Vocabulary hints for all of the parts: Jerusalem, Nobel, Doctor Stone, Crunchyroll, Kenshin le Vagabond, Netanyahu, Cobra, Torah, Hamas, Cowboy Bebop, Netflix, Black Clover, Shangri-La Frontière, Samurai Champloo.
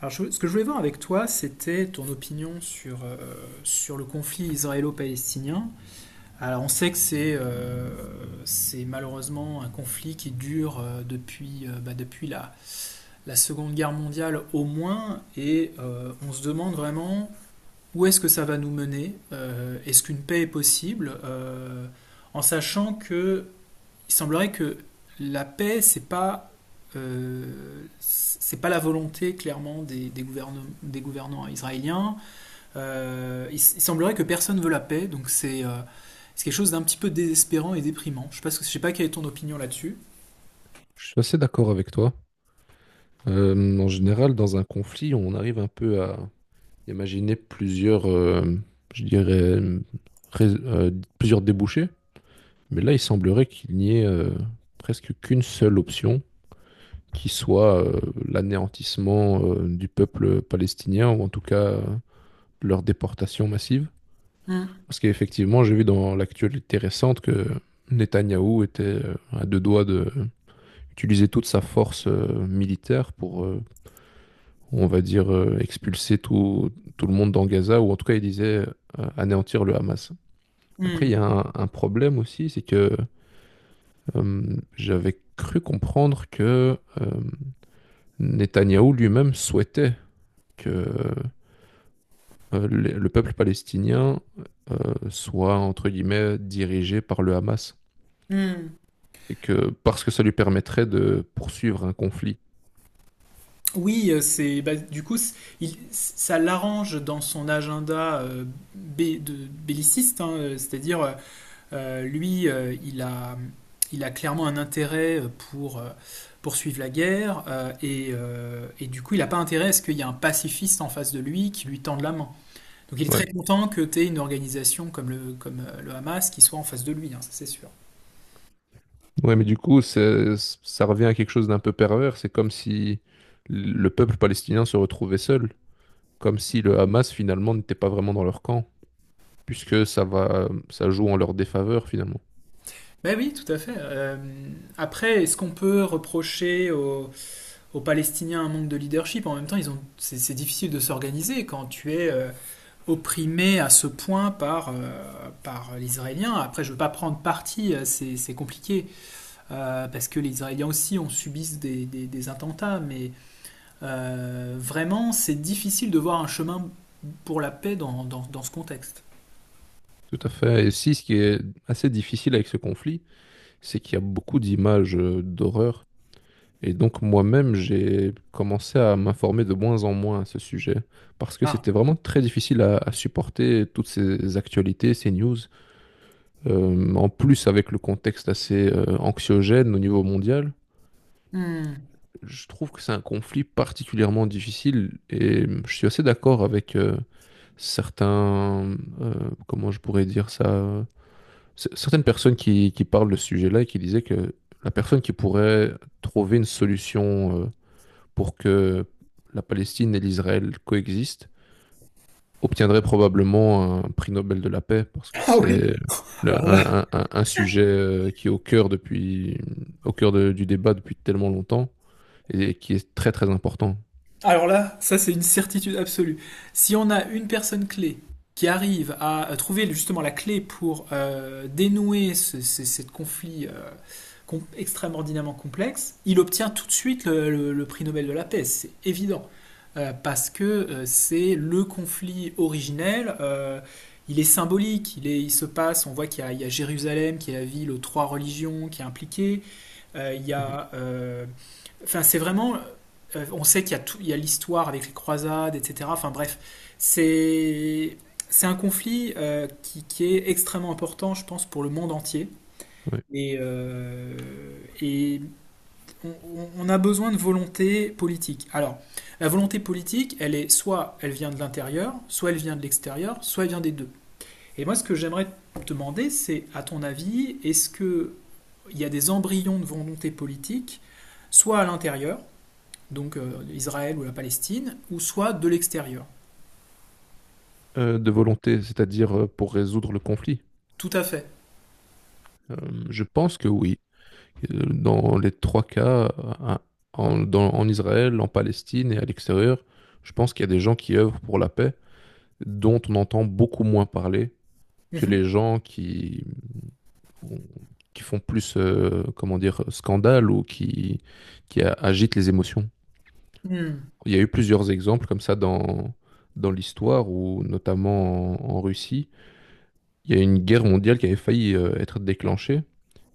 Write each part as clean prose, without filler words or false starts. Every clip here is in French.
Ce que je voulais voir avec toi, c'était ton opinion sur, sur le conflit israélo-palestinien. Alors, on sait que c'est malheureusement un conflit qui dure depuis la Seconde Guerre mondiale au moins, et on se demande vraiment où est-ce que ça va nous mener. Est-ce qu'une paix est possible, en sachant que il semblerait que la paix, c'est pas la volonté clairement des gouvernants israéliens. Il semblerait que personne veut la paix, donc c'est quelque chose d'un petit peu désespérant et déprimant. Je sais pas, je sais pas quelle est ton opinion là-dessus. Je suis assez d'accord avec toi. En général, dans un conflit, on arrive un peu à imaginer je dirais, rais- euh, plusieurs débouchés. Mais là, il semblerait qu'il n'y ait presque qu'une seule option, qui soit l'anéantissement du peuple palestinien, ou en tout cas leur déportation massive. Mm. Parce qu'effectivement, j'ai vu dans l'actualité récente que Netanyahou était à deux doigts de utiliser toute sa force militaire pour on va dire, expulser tout le monde dans Gaza, ou en tout cas, il disait anéantir le Hamas. Après, il y Mm. a un problème aussi, c'est que j'avais cru comprendre que Netanyahou lui-même souhaitait que le peuple palestinien soit, entre guillemets, dirigé par le Hamas, Mm. et que parce que ça lui permettrait de poursuivre un conflit. Oui, c'est ça l'arrange dans son agenda belliciste, hein, c'est-à-dire Euh, lui, euh, il a, il a clairement un intérêt pour poursuivre la guerre, et du coup, il n'a pas intérêt à ce qu'il y ait un pacifiste en face de lui qui lui tende la main. Donc il est Ouais. très content que tu aies une organisation comme comme le Hamas qui soit en face de lui, hein, ça c'est sûr. Ouais, mais du coup, c'est- ça revient à quelque chose d'un peu pervers. C'est comme si le peuple palestinien se retrouvait seul, comme si le Hamas finalement n'était pas vraiment dans leur camp, puisque ça va, ça joue en leur défaveur finalement. Ben oui, tout à fait. Après, est-ce qu'on peut reprocher aux Palestiniens un manque de leadership. En même temps, c'est difficile de s'organiser quand tu es opprimé à ce point par les Israéliens. Après, je ne veux pas prendre parti, c'est compliqué, parce que les Israéliens aussi ont subi des attentats, mais vraiment, c'est difficile de voir un chemin pour la paix dans ce contexte. Tout à fait. Et aussi, ce qui est assez difficile avec ce conflit, c'est qu'il y a beaucoup d'images d'horreur. Et donc moi-même, j'ai commencé à m'informer de moins en moins à ce sujet, parce que Ah. c'était vraiment très difficile à supporter toutes ces actualités, ces news. En plus, avec le contexte assez anxiogène au niveau mondial, Hmm. je trouve que c'est un conflit particulièrement difficile et je suis assez d'accord avec certains, comment je pourrais dire ça, certaines personnes qui parlent de ce sujet-là et qui disaient que la personne qui pourrait trouver une solution pour que la Palestine et l'Israël coexistent, obtiendrait probablement un prix Nobel de la paix parce que Ah oui. c'est le- Alors là, un sujet qui est au cœur depuis, au cœur de- du débat depuis tellement longtemps et qui est très très important. alors là, ça c'est une certitude absolue. Si on a une personne clé qui arrive à trouver justement la clé pour dénouer cette conflit extraordinairement complexe, il obtient tout de suite le prix Nobel de la paix, c'est évident. Parce que c'est le conflit originel, il est symbolique, il se passe, on voit qu'il y a, il y a Jérusalem qui est la ville aux trois religions qui est impliquée, il y Mhm. a... enfin, c'est vraiment... on sait qu'il y a, tout, il y a l'histoire avec les croisades, etc. Enfin bref, c'est... C'est un conflit qui est extrêmement important, je pense, pour le monde entier. Ouais. Et, euh, on a besoin de volonté politique. Alors, la volonté politique, elle est soit elle vient de l'intérieur, soit elle vient de l'extérieur, soit elle vient des deux. Et moi, ce que j'aimerais te demander, c'est, à ton avis, est-ce que il y a des embryons de volonté politique, soit à l'intérieur, donc Israël ou la Palestine, ou soit de l'extérieur? De volonté, c'est-à-dire pour résoudre le conflit. Tout à fait. Euh, je pense que oui. Dans les trois cas, euh, en, dans- en Israël, en Palestine et à l'extérieur, je pense qu'il y a des gens qui œuvrent pour la paix, dont on entend beaucoup moins parler que Mhm. les gens qui, on- qui font plus, comment dire, scandale ou qui a- agitent les émotions. Hmm. Il y a eu plusieurs exemples comme ça dans, dans l'histoire, où notamment en, en Russie, il y a une guerre mondiale qui avait failli être déclenchée,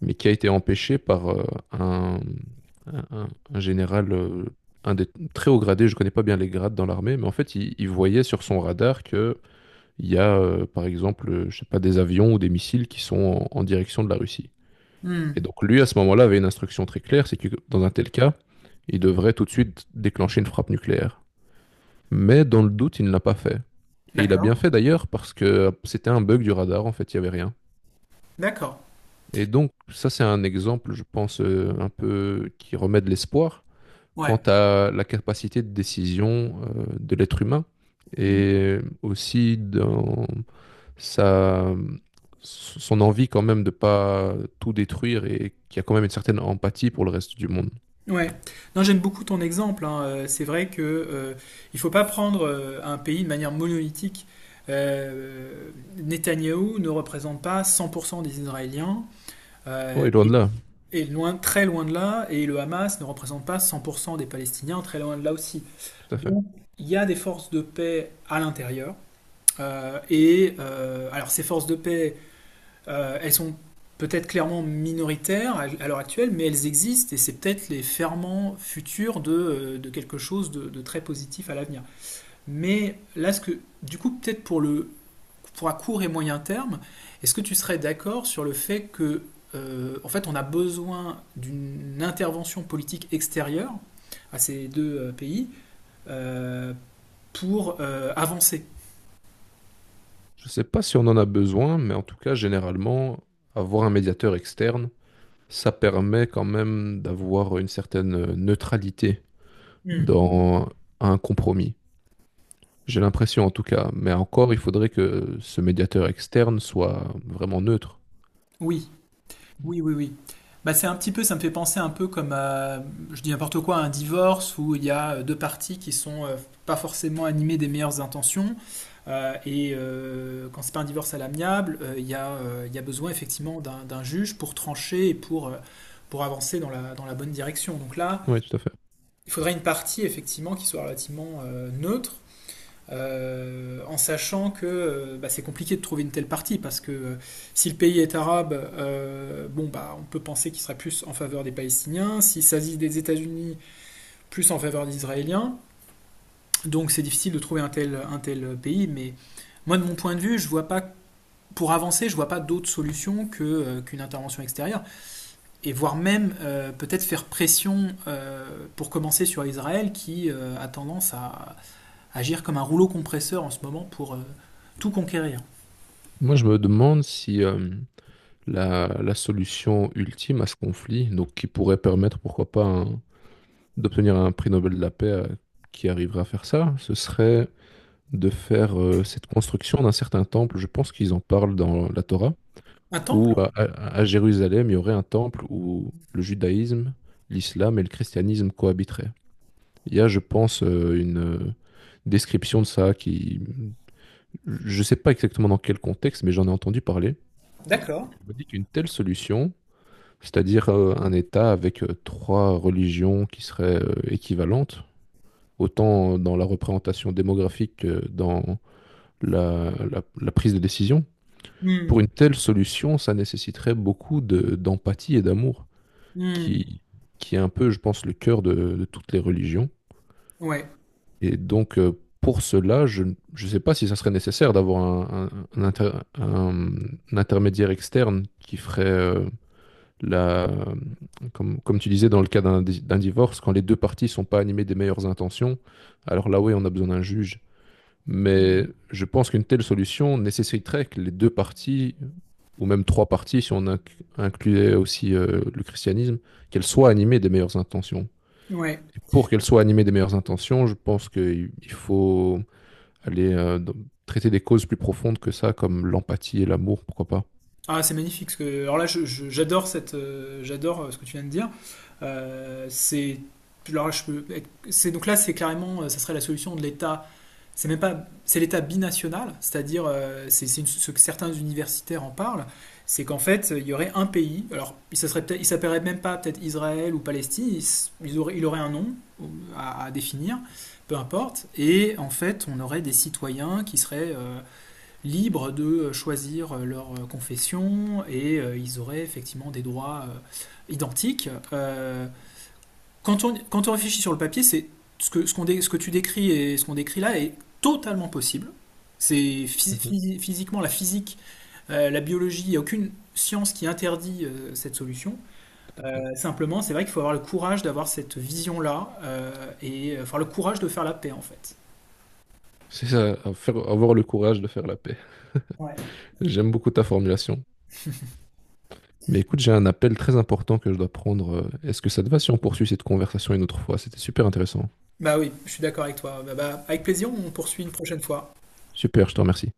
mais qui a été empêchée par un, un général, un des très hauts gradés, je connais pas bien les grades dans l'armée, mais en fait, il voyait sur son radar que il y a, par exemple, je sais pas, des avions ou des missiles qui sont en en direction de la Russie. Et Hmm. donc lui, à ce moment-là, avait une instruction très claire, c'est que dans un tel cas, il devrait tout de suite déclencher une frappe nucléaire. Mais dans le doute, il ne l'a pas fait. Et il a bien D'accord. fait d'ailleurs parce que c'était un bug du radar, en fait, il n'y avait rien. D'accord. Et donc ça, c'est un exemple, je pense, un peu qui remet de l'espoir Ouais. quant à la capacité de décision de l'être humain et aussi dans sa, son envie quand même de ne pas tout détruire et qui a quand même une certaine empathie pour le reste du monde. Ouais, non, j'aime beaucoup ton exemple, hein. C'est vrai que il faut pas prendre un pays de manière monolithique. Euh, Netanyahou ne représente pas 100% des Israéliens, euh, Oui, loin de et, là, et loin, très loin de là, et le Hamas ne représente pas 100% des Palestiniens, très loin de là aussi. tout à fait. Donc, il y a des forces de paix à l'intérieur, alors ces forces de paix elles sont peut-être clairement minoritaires à l'heure actuelle, mais elles existent et c'est peut-être les ferments futurs de quelque chose de très positif à l'avenir. Mais là, ce que, du coup, peut-être pour, le, pour à court et moyen terme, est-ce que tu serais d'accord sur le fait que, en fait, on a besoin d'une intervention politique extérieure à ces deux pays, euh, pour avancer. Je ne sais pas si on en a besoin, mais en tout cas, généralement, avoir un médiateur externe, ça permet quand même d'avoir une certaine neutralité Hmm. dans un compromis. J'ai l'impression en tout cas, mais encore, il faudrait que ce médiateur externe soit vraiment neutre. Oui. Oui, oui, oui. Bah, c'est un petit peu, ça me fait penser un peu comme à, je dis n'importe quoi, à un divorce où il y a deux parties qui sont pas forcément animées des meilleures intentions. Quand c'est pas un divorce à l'amiable, il y a besoin effectivement d'un juge pour trancher et pour avancer dans dans la bonne direction. Donc là, Oui, tout à fait. il faudrait une partie effectivement qui soit relativement neutre, en sachant que c'est compliqué de trouver une telle partie parce que si le pays est arabe, bon bah on peut penser qu'il sera plus en faveur des Palestiniens, s'il s'agit des États-Unis, plus en faveur des Israéliens. Donc c'est difficile de trouver un tel pays, mais moi de mon point de vue, je vois pas pour avancer, je vois pas d'autre solution que qu'une intervention extérieure et voire même peut-être faire pression pour commencer sur Israël qui a tendance à agir comme un rouleau compresseur en ce moment pour tout conquérir. Moi, je me demande si la, la solution ultime à ce conflit, donc qui pourrait permettre, pourquoi pas, un- d'obtenir un prix Nobel de la paix qui arriverait à faire ça, ce serait de faire cette construction d'un certain temple. Je pense qu'ils en parlent dans la Torah, Un où temple? À Jérusalem, il y aurait un temple où le judaïsme, l'islam et le christianisme cohabiteraient. Il y a, je pense, une description de ça qui... Je ne sais pas exactement dans quel contexte, mais j'en ai entendu parler. D'accord. Je me dis qu'une telle solution, c'est-à-dire un État avec trois religions qui seraient équivalentes, autant dans la représentation démographique que dans la la- la prise de décision, Hmm, pour une telle solution, ça nécessiterait beaucoup de- d'empathie et d'amour, hmm, qui, qui est un peu, je pense, le cœur de toutes les religions. ouais, Et donc, pour cela, je ne je sais pas si ça serait nécessaire d'avoir un inter- un intermédiaire externe qui ferait la, comme, comme tu disais dans le cas d'un di- d'un divorce, quand les deux parties sont pas animées des meilleures intentions, alors là, oui, on a besoin d'un juge mais je pense qu'une telle solution nécessiterait que les deux parties, ou même trois parties, si on inc- incluait aussi le christianisme, qu'elles soient animées des meilleures intentions. ouais. Et pour qu'elles soient animées des meilleures intentions, je pense qu'il il faut aller traiter des causes plus profondes que ça, comme l'empathie et l'amour, pourquoi pas. Ah, c'est magnifique, ce que... Alors là, j'adore cette, j'adore ce que tu viens de dire. C'est, alors là, je peux être- c'est donc là, c'est carrément, ça serait la solution de l'État. C'est même pas, c'est l'État binational, c'est-à-dire, ce que certains universitaires en parlent, c'est qu'en fait, il y aurait un pays. Alors, il s'appellerait même pas peut-être Israël ou Palestine. Il, s- ils auraient- il aurait un nom euh, à définir, peu importe. Et en fait, on aurait des citoyens qui seraient libres de choisir leur confession et ils auraient effectivement des droits identiques. Quand quand on réfléchit sur le papier, c'est ce que tu décris et ce qu'on décrit là est totalement possible. C'est Mhm, physiquement la physique, la biologie, il n'y a aucune science qui interdit cette solution. tout à fait. Simplement, c'est vrai qu'il faut avoir le courage d'avoir cette vision-là avoir le courage de faire la paix en fait. C'est ça, à faire- avoir le courage de faire la paix. Ouais. J'aime beaucoup ta formulation. Mais écoute, j'ai un appel très important que je dois prendre. Est-ce que ça te va si on poursuit cette conversation une autre fois? C'était super intéressant. Bah oui, je suis d'accord avec toi. Bah, bah, avec plaisir, on poursuit une prochaine fois. Super, je te remercie.